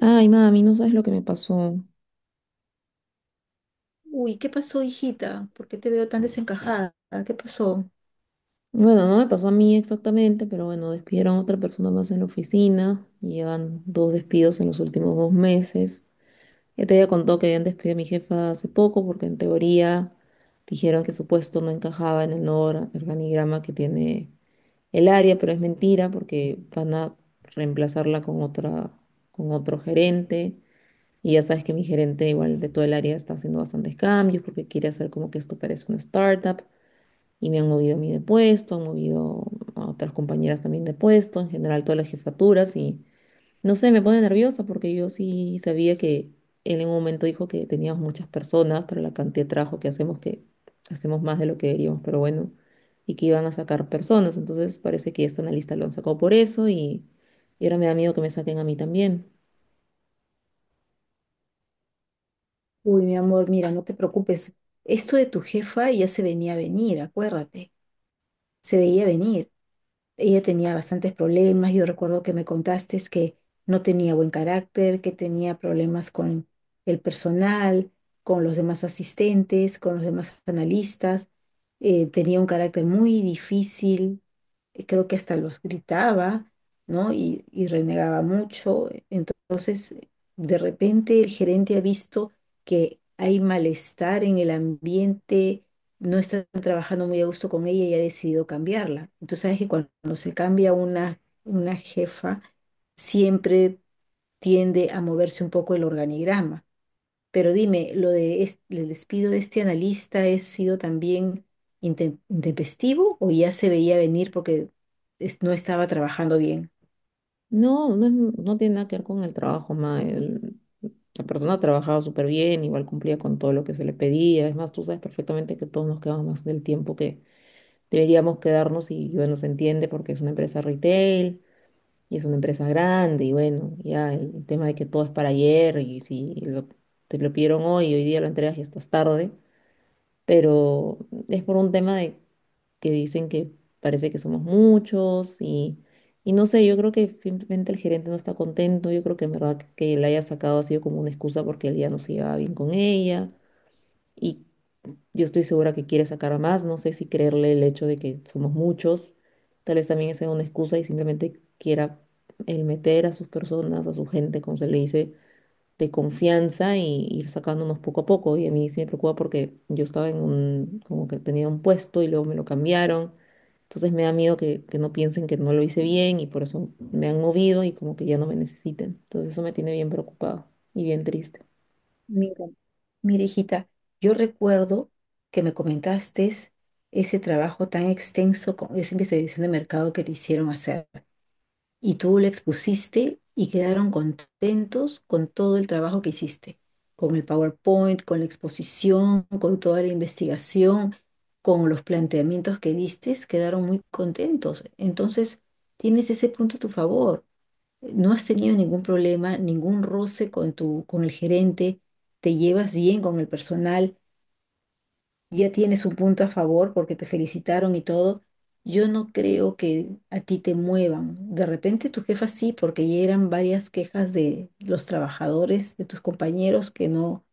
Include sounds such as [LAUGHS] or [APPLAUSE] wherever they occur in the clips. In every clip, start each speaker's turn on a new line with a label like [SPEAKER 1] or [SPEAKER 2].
[SPEAKER 1] Ay, mami, no sabes lo que me pasó.
[SPEAKER 2] Uy, ¿qué pasó, hijita? ¿Por qué te veo tan desencajada? ¿Qué pasó?
[SPEAKER 1] Bueno, no me pasó a mí exactamente, pero bueno, despidieron a otra persona más en la oficina y llevan dos despidos en los últimos 2 meses. Ya te había contado que habían despedido a mi jefa hace poco porque en teoría dijeron que su puesto no encajaba en el nuevo organigrama que tiene el área, pero es mentira porque van a reemplazarla con otra, con otro gerente. Y ya sabes que mi gerente, igual de todo el área, está haciendo bastantes cambios porque quiere hacer como que esto parece una startup, y me han movido a mí de puesto, han movido a otras compañeras también de puesto, en general todas las jefaturas y no sé, me pone nerviosa porque yo sí sabía que él en un momento dijo que teníamos muchas personas para la cantidad de trabajo que hacemos más de lo que deberíamos, pero bueno, y que iban a sacar personas, entonces parece que esta analista lo han sacado por eso y ahora me da miedo que me saquen a mí también.
[SPEAKER 2] Uy, mi amor, mira, no te preocupes. Esto de tu jefa ya se venía a venir, acuérdate. Se veía venir. Ella tenía bastantes problemas. Yo recuerdo que me contaste es que no tenía buen carácter, que tenía problemas con el personal, con los demás asistentes, con los demás analistas. Tenía un carácter muy difícil. Creo que hasta los gritaba, ¿no? Y renegaba mucho. Entonces, de repente el gerente ha visto que hay malestar en el ambiente, no están trabajando muy a gusto con ella y ha decidido cambiarla. Entonces, sabes que cuando se cambia una jefa, siempre tiende a moverse un poco el organigrama. Pero dime, ¿lo de el despido de este analista ha sido también intempestivo o ya se veía venir porque no estaba trabajando bien?
[SPEAKER 1] No, no, no tiene nada que ver con el trabajo, ma. La persona trabajaba súper bien, igual cumplía con todo lo que se le pedía. Es más, tú sabes perfectamente que todos nos quedamos más del tiempo que deberíamos quedarnos y bueno, se entiende porque es una empresa retail y es una empresa grande y bueno, ya el tema de que todo es para ayer y si te lo pidieron hoy, hoy día lo entregas y estás tarde, pero es por un tema de que dicen que parece que somos muchos y no sé, yo creo que simplemente el gerente no está contento, yo creo que en verdad que la haya sacado ha sido como una excusa porque él ya no se llevaba bien con ella y yo estoy segura que quiere sacar a más, no sé si creerle el hecho de que somos muchos, tal vez también sea una excusa y simplemente quiera el meter a sus personas, a su gente, como se le dice de confianza y ir sacándonos poco a poco. Y a mí sí me preocupa porque yo estaba en un, como que tenía un puesto y luego me lo cambiaron. Entonces me da miedo que no piensen que no lo hice bien y por eso me han movido y como que ya no me necesiten. Entonces eso me tiene bien preocupado y bien triste.
[SPEAKER 2] Mira, mira, hijita, yo recuerdo que me comentaste ese trabajo tan extenso con esa investigación de mercado que te hicieron hacer. Y tú la expusiste y quedaron contentos con todo el trabajo que hiciste, con el PowerPoint, con la exposición, con toda la investigación, con los planteamientos que diste, quedaron muy contentos. Entonces, tienes ese punto a tu favor. No has tenido ningún problema, ningún roce con tu, con el gerente, te llevas bien con el personal, ya tienes un punto a favor porque te felicitaron y todo, yo no creo que a ti te muevan. De repente tu jefa sí, porque ya eran varias quejas de los trabajadores, de tus compañeros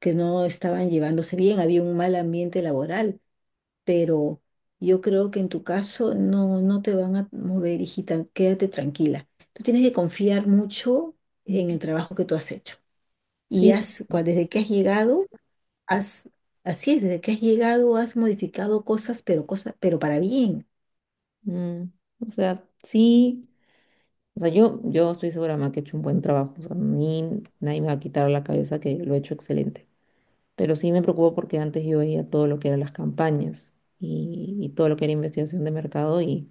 [SPEAKER 2] que no estaban llevándose bien, había un mal ambiente laboral, pero yo creo que en tu caso no, no te van a mover, hijita, quédate tranquila. Tú tienes que confiar mucho en
[SPEAKER 1] Ujú.
[SPEAKER 2] el trabajo que tú has hecho. Y
[SPEAKER 1] Sí,
[SPEAKER 2] has desde que has llegado, Has, así es, desde que has llegado has modificado cosas, pero para bien.
[SPEAKER 1] mm, o sea, sí, o sea, yo estoy segura, ma, que he hecho un buen trabajo. O sea, a nadie me va a quitar la cabeza que lo he hecho excelente. Pero sí me preocupa porque antes yo veía todo lo que eran las campañas y todo lo que era investigación de mercado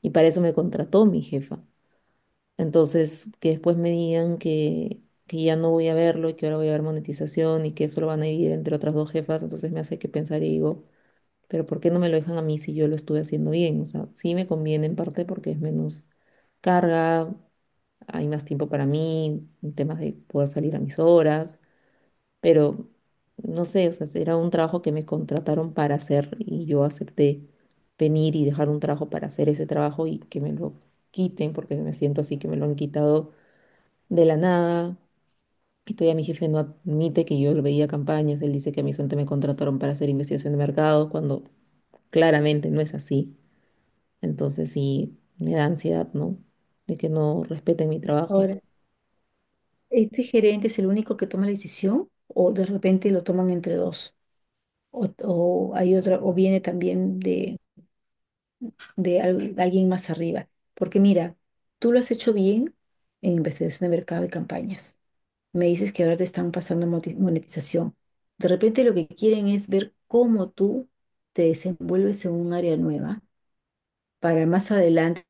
[SPEAKER 1] y para eso me contrató mi jefa. Entonces, que después me digan que ya no voy a verlo y que ahora voy a ver monetización y que eso lo van a dividir entre otras dos jefas, entonces me hace que pensar y digo, pero ¿por qué no me lo dejan a mí si yo lo estuve haciendo bien? O sea, sí me conviene en parte porque es menos carga, hay más tiempo para mí, en temas de poder salir a mis horas, pero no sé, o sea, era un trabajo que me contrataron para hacer y yo acepté venir y dejar un trabajo para hacer ese trabajo y que me lo quiten porque me siento así que me lo han quitado de la nada. Y todavía mi jefe no admite que yo lo veía campañas, él dice que a mí solamente me contrataron para hacer investigación de mercado cuando claramente no es así. Entonces sí, me da ansiedad, ¿no? De que no respeten mi trabajo.
[SPEAKER 2] Ahora, ¿este gerente es el único que toma la decisión o de repente lo toman entre dos? O hay otra, o viene también de de alguien más arriba. Porque mira, tú lo has hecho bien en investigación de mercado y campañas. Me dices que ahora te están pasando monetización. De repente lo que quieren es ver cómo tú te desenvuelves en un área nueva para más adelante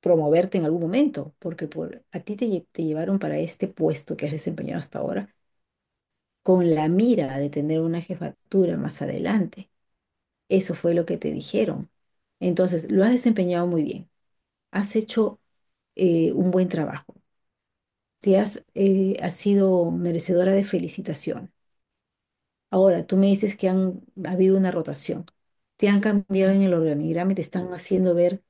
[SPEAKER 2] promoverte en algún momento, porque por, a ti te, te llevaron para este puesto que has desempeñado hasta ahora con la mira de tener una jefatura más adelante. Eso fue lo que te dijeron. Entonces, lo has desempeñado muy bien, has hecho un buen trabajo, te has, has sido merecedora de felicitación. Ahora, tú me dices que han ha habido una rotación, te han cambiado en el organigrama y te están haciendo ver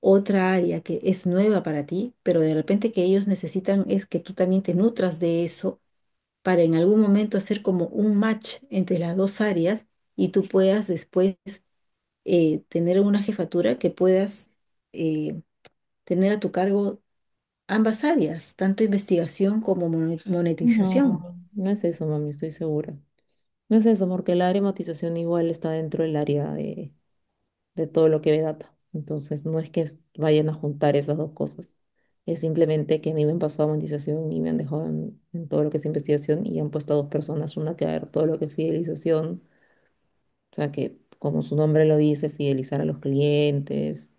[SPEAKER 2] otra área que es nueva para ti, pero de repente que ellos necesitan es que tú también te nutras de eso para en algún momento hacer como un match entre las dos áreas y tú puedas después tener una jefatura que puedas eh, tener a tu cargo ambas áreas, tanto investigación como
[SPEAKER 1] No,
[SPEAKER 2] monetización.
[SPEAKER 1] no es eso, mami, estoy segura. No es eso, porque la área de igual está dentro del área de todo lo que ve data. Entonces, no es que vayan a juntar esas dos cosas. Es simplemente que a mí me han pasado monetización y me han dejado en todo lo que es investigación y han puesto a dos personas, una que va a ver todo lo que es fidelización, o sea que, como su nombre lo dice, fidelizar a los clientes,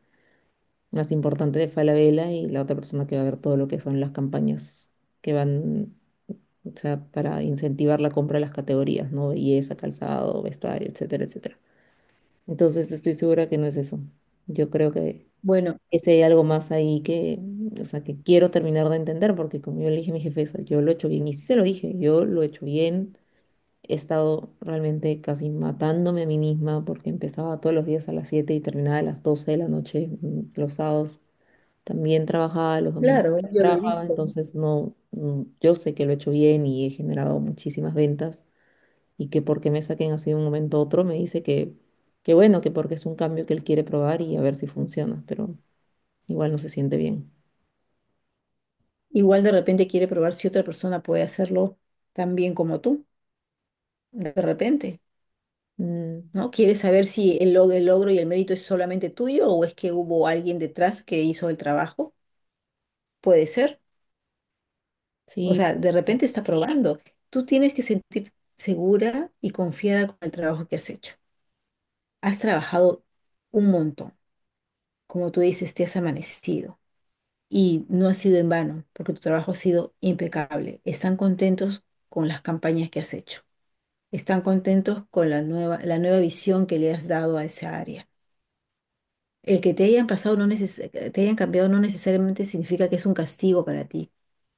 [SPEAKER 1] más importante de Falabella, y la otra persona que va a ver todo lo que son las campañas que van, o sea, para incentivar la compra de las categorías, ¿no? Belleza, calzado, vestuario, etcétera, etcétera. Entonces estoy segura que no es eso. Yo creo que
[SPEAKER 2] Bueno,
[SPEAKER 1] ese hay algo más ahí que, o sea, que quiero terminar de entender, porque como yo le dije a mi jefeza, yo lo he hecho bien, y sí se lo dije, yo lo he hecho bien, he estado realmente casi matándome a mí misma, porque empezaba todos los días a las 7 y terminaba a las 12 de la noche, los sábados también trabajaba, los domingos
[SPEAKER 2] claro,
[SPEAKER 1] también
[SPEAKER 2] yo lo he
[SPEAKER 1] trabajaba,
[SPEAKER 2] visto.
[SPEAKER 1] entonces no, yo sé que lo he hecho bien y he generado muchísimas ventas y que por qué me saquen así de un momento a otro, me dice que bueno, que porque es un cambio que él quiere probar y a ver si funciona, pero igual no se siente bien.
[SPEAKER 2] Igual de repente quiere probar si otra persona puede hacerlo tan bien como tú, de repente.
[SPEAKER 1] Mm,
[SPEAKER 2] ¿No? Quiere saber si el, el logro y el mérito es solamente tuyo o es que hubo alguien detrás que hizo el trabajo. Puede ser. O
[SPEAKER 1] sí,
[SPEAKER 2] sea,
[SPEAKER 1] puede
[SPEAKER 2] de
[SPEAKER 1] ser.
[SPEAKER 2] repente está, sí, probando. Tú tienes que sentir segura y confiada con el trabajo que has hecho. Has trabajado un montón. Como tú dices, te has amanecido y no ha sido en vano porque tu trabajo ha sido impecable. Están contentos con las campañas que has hecho. Están contentos con la nueva visión que le has dado a esa área. El que te hayan pasado no neces- te hayan cambiado no necesariamente significa que es un castigo para ti.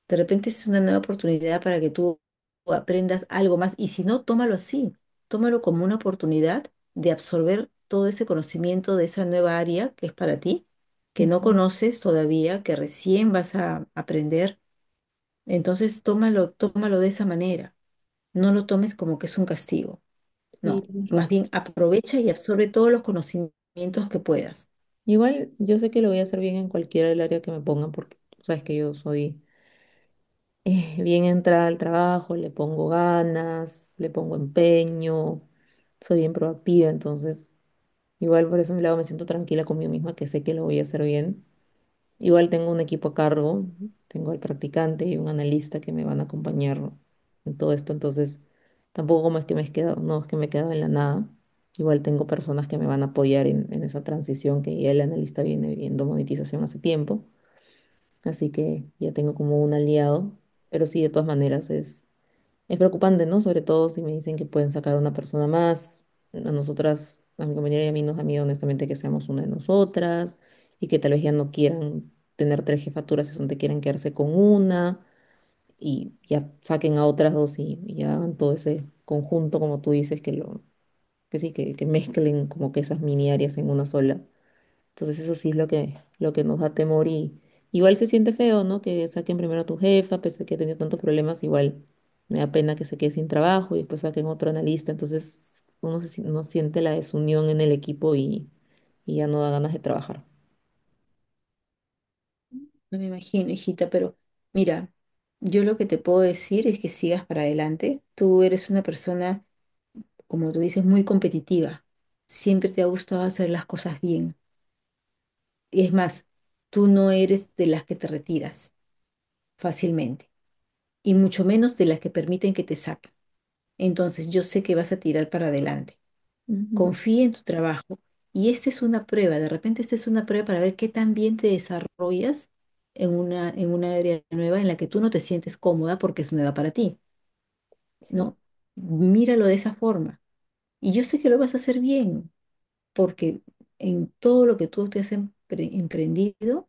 [SPEAKER 2] De repente es una nueva oportunidad para que tú aprendas algo más. Y si no, tómalo así. Tómalo como una oportunidad de absorber todo ese conocimiento de esa nueva área que es para ti, que no
[SPEAKER 1] Ujú,
[SPEAKER 2] conoces todavía, que recién vas a aprender. Entonces, tómalo, tómalo de esa manera. No lo tomes como que es un castigo.
[SPEAKER 1] sí,
[SPEAKER 2] No.
[SPEAKER 1] tienes
[SPEAKER 2] Más
[SPEAKER 1] razón.
[SPEAKER 2] bien, aprovecha y absorbe todos los conocimientos que puedas.
[SPEAKER 1] Igual yo sé que lo voy a hacer bien en cualquiera del área que me pongan, porque tú sabes que yo soy [LAUGHS] bien entrada al trabajo, le pongo ganas, le pongo empeño, soy bien proactiva, entonces igual por ese lado me siento tranquila conmigo misma que sé que lo voy a hacer bien. Igual tengo un equipo a cargo, tengo al practicante y un analista que me van a acompañar en todo esto, entonces tampoco como es que me he quedado, no es que me he quedado en la nada. Igual tengo personas que me van a apoyar en esa transición que ya el analista viene viendo monetización hace tiempo, así que ya tengo como un aliado, pero sí, de todas maneras es preocupante, ¿no? Sobre todo si me dicen que pueden sacar a una persona más. A nosotras, a mi compañera y a mí nos da miedo honestamente que seamos una de nosotras y que tal vez ya no quieran tener tres jefaturas, si te quieran quedarse con una y ya saquen a otras dos y ya hagan todo ese conjunto, como tú dices, que lo, que sí, que mezclen como que esas mini áreas en una sola. Entonces eso sí es lo que nos da temor y igual se siente feo, ¿no? Que saquen primero a tu jefa, pese a que ha tenido tantos problemas, igual me da pena que se quede sin trabajo y después saquen otro analista. Entonces uno, se si- uno siente la desunión en el equipo y ya no da ganas de trabajar.
[SPEAKER 2] No me imagino, hijita, pero mira, yo lo que te puedo decir es que sigas para adelante. Tú eres una persona, como tú dices, muy competitiva. Siempre te ha gustado hacer las cosas bien. Y es más, tú no eres de las que te retiras fácilmente y mucho menos de las que permiten que te saquen. Entonces, yo sé que vas a tirar para adelante.
[SPEAKER 1] Ujú.
[SPEAKER 2] Confía en tu trabajo y esta es una prueba, de repente esta es una prueba para ver qué tan bien te desarrollas en una área nueva en la que tú no te sientes cómoda porque es nueva para ti,
[SPEAKER 1] Sí,
[SPEAKER 2] ¿no? Míralo de esa forma. Y yo sé que lo vas a hacer bien, porque en todo lo que tú te has emprendido,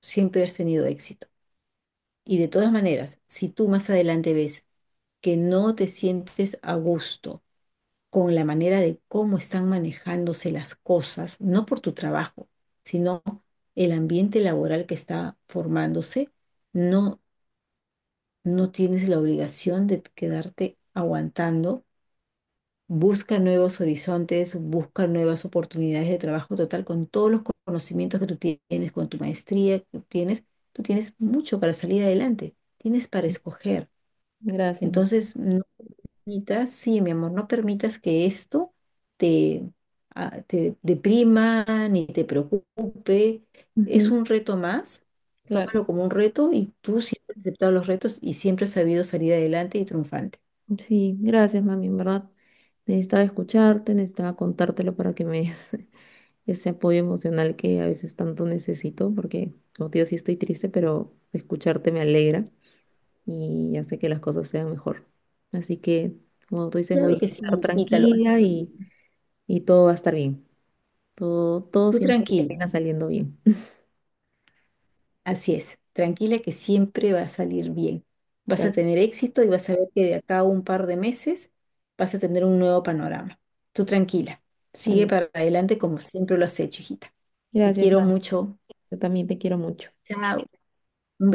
[SPEAKER 2] siempre has tenido éxito. Y de todas maneras, si tú más adelante ves que no te sientes a gusto, con la manera de cómo están manejándose las cosas, no por tu trabajo, sino el ambiente laboral que está formándose, no, no tienes la obligación de quedarte aguantando. Busca nuevos horizontes, busca nuevas oportunidades de trabajo total con todos los conocimientos que tú tienes, con tu maestría que tú tienes. Tú tienes mucho para salir adelante, tienes para
[SPEAKER 1] sí.
[SPEAKER 2] escoger.
[SPEAKER 1] Gracias.
[SPEAKER 2] Entonces, no, Anita, sí, mi amor, no permitas que esto te, te deprima ni te preocupe. Es
[SPEAKER 1] Ujú.
[SPEAKER 2] un reto más.
[SPEAKER 1] Claro,
[SPEAKER 2] Tómalo como un reto y tú siempre has aceptado los retos y siempre has sabido salir adelante y triunfante.
[SPEAKER 1] sí, gracias, mami, en verdad. Necesitaba escucharte, necesitaba contártelo para que me ese apoyo emocional que a veces tanto necesito, porque, como te digo, sí estoy triste, pero escucharte me alegra y hace que las cosas sean mejor. Así que, como tú dices,
[SPEAKER 2] Claro
[SPEAKER 1] voy
[SPEAKER 2] que
[SPEAKER 1] a
[SPEAKER 2] sí,
[SPEAKER 1] estar
[SPEAKER 2] hijita, lo vas a
[SPEAKER 1] tranquila
[SPEAKER 2] hacer bien.
[SPEAKER 1] y todo va a estar bien. Todo, todo
[SPEAKER 2] Tú
[SPEAKER 1] siempre
[SPEAKER 2] tranquila,
[SPEAKER 1] termina saliendo bien.
[SPEAKER 2] así es, tranquila que siempre va a salir bien.
[SPEAKER 1] [LAUGHS]
[SPEAKER 2] Vas
[SPEAKER 1] Tal,
[SPEAKER 2] a tener éxito y vas a ver que de acá a un par de meses vas a tener un nuevo panorama. Tú tranquila, sigue
[SPEAKER 1] tal.
[SPEAKER 2] para adelante como siempre lo has hecho, hijita. Te
[SPEAKER 1] Gracias,
[SPEAKER 2] quiero
[SPEAKER 1] Mar.
[SPEAKER 2] mucho.
[SPEAKER 1] Yo también te quiero mucho.
[SPEAKER 2] Chao.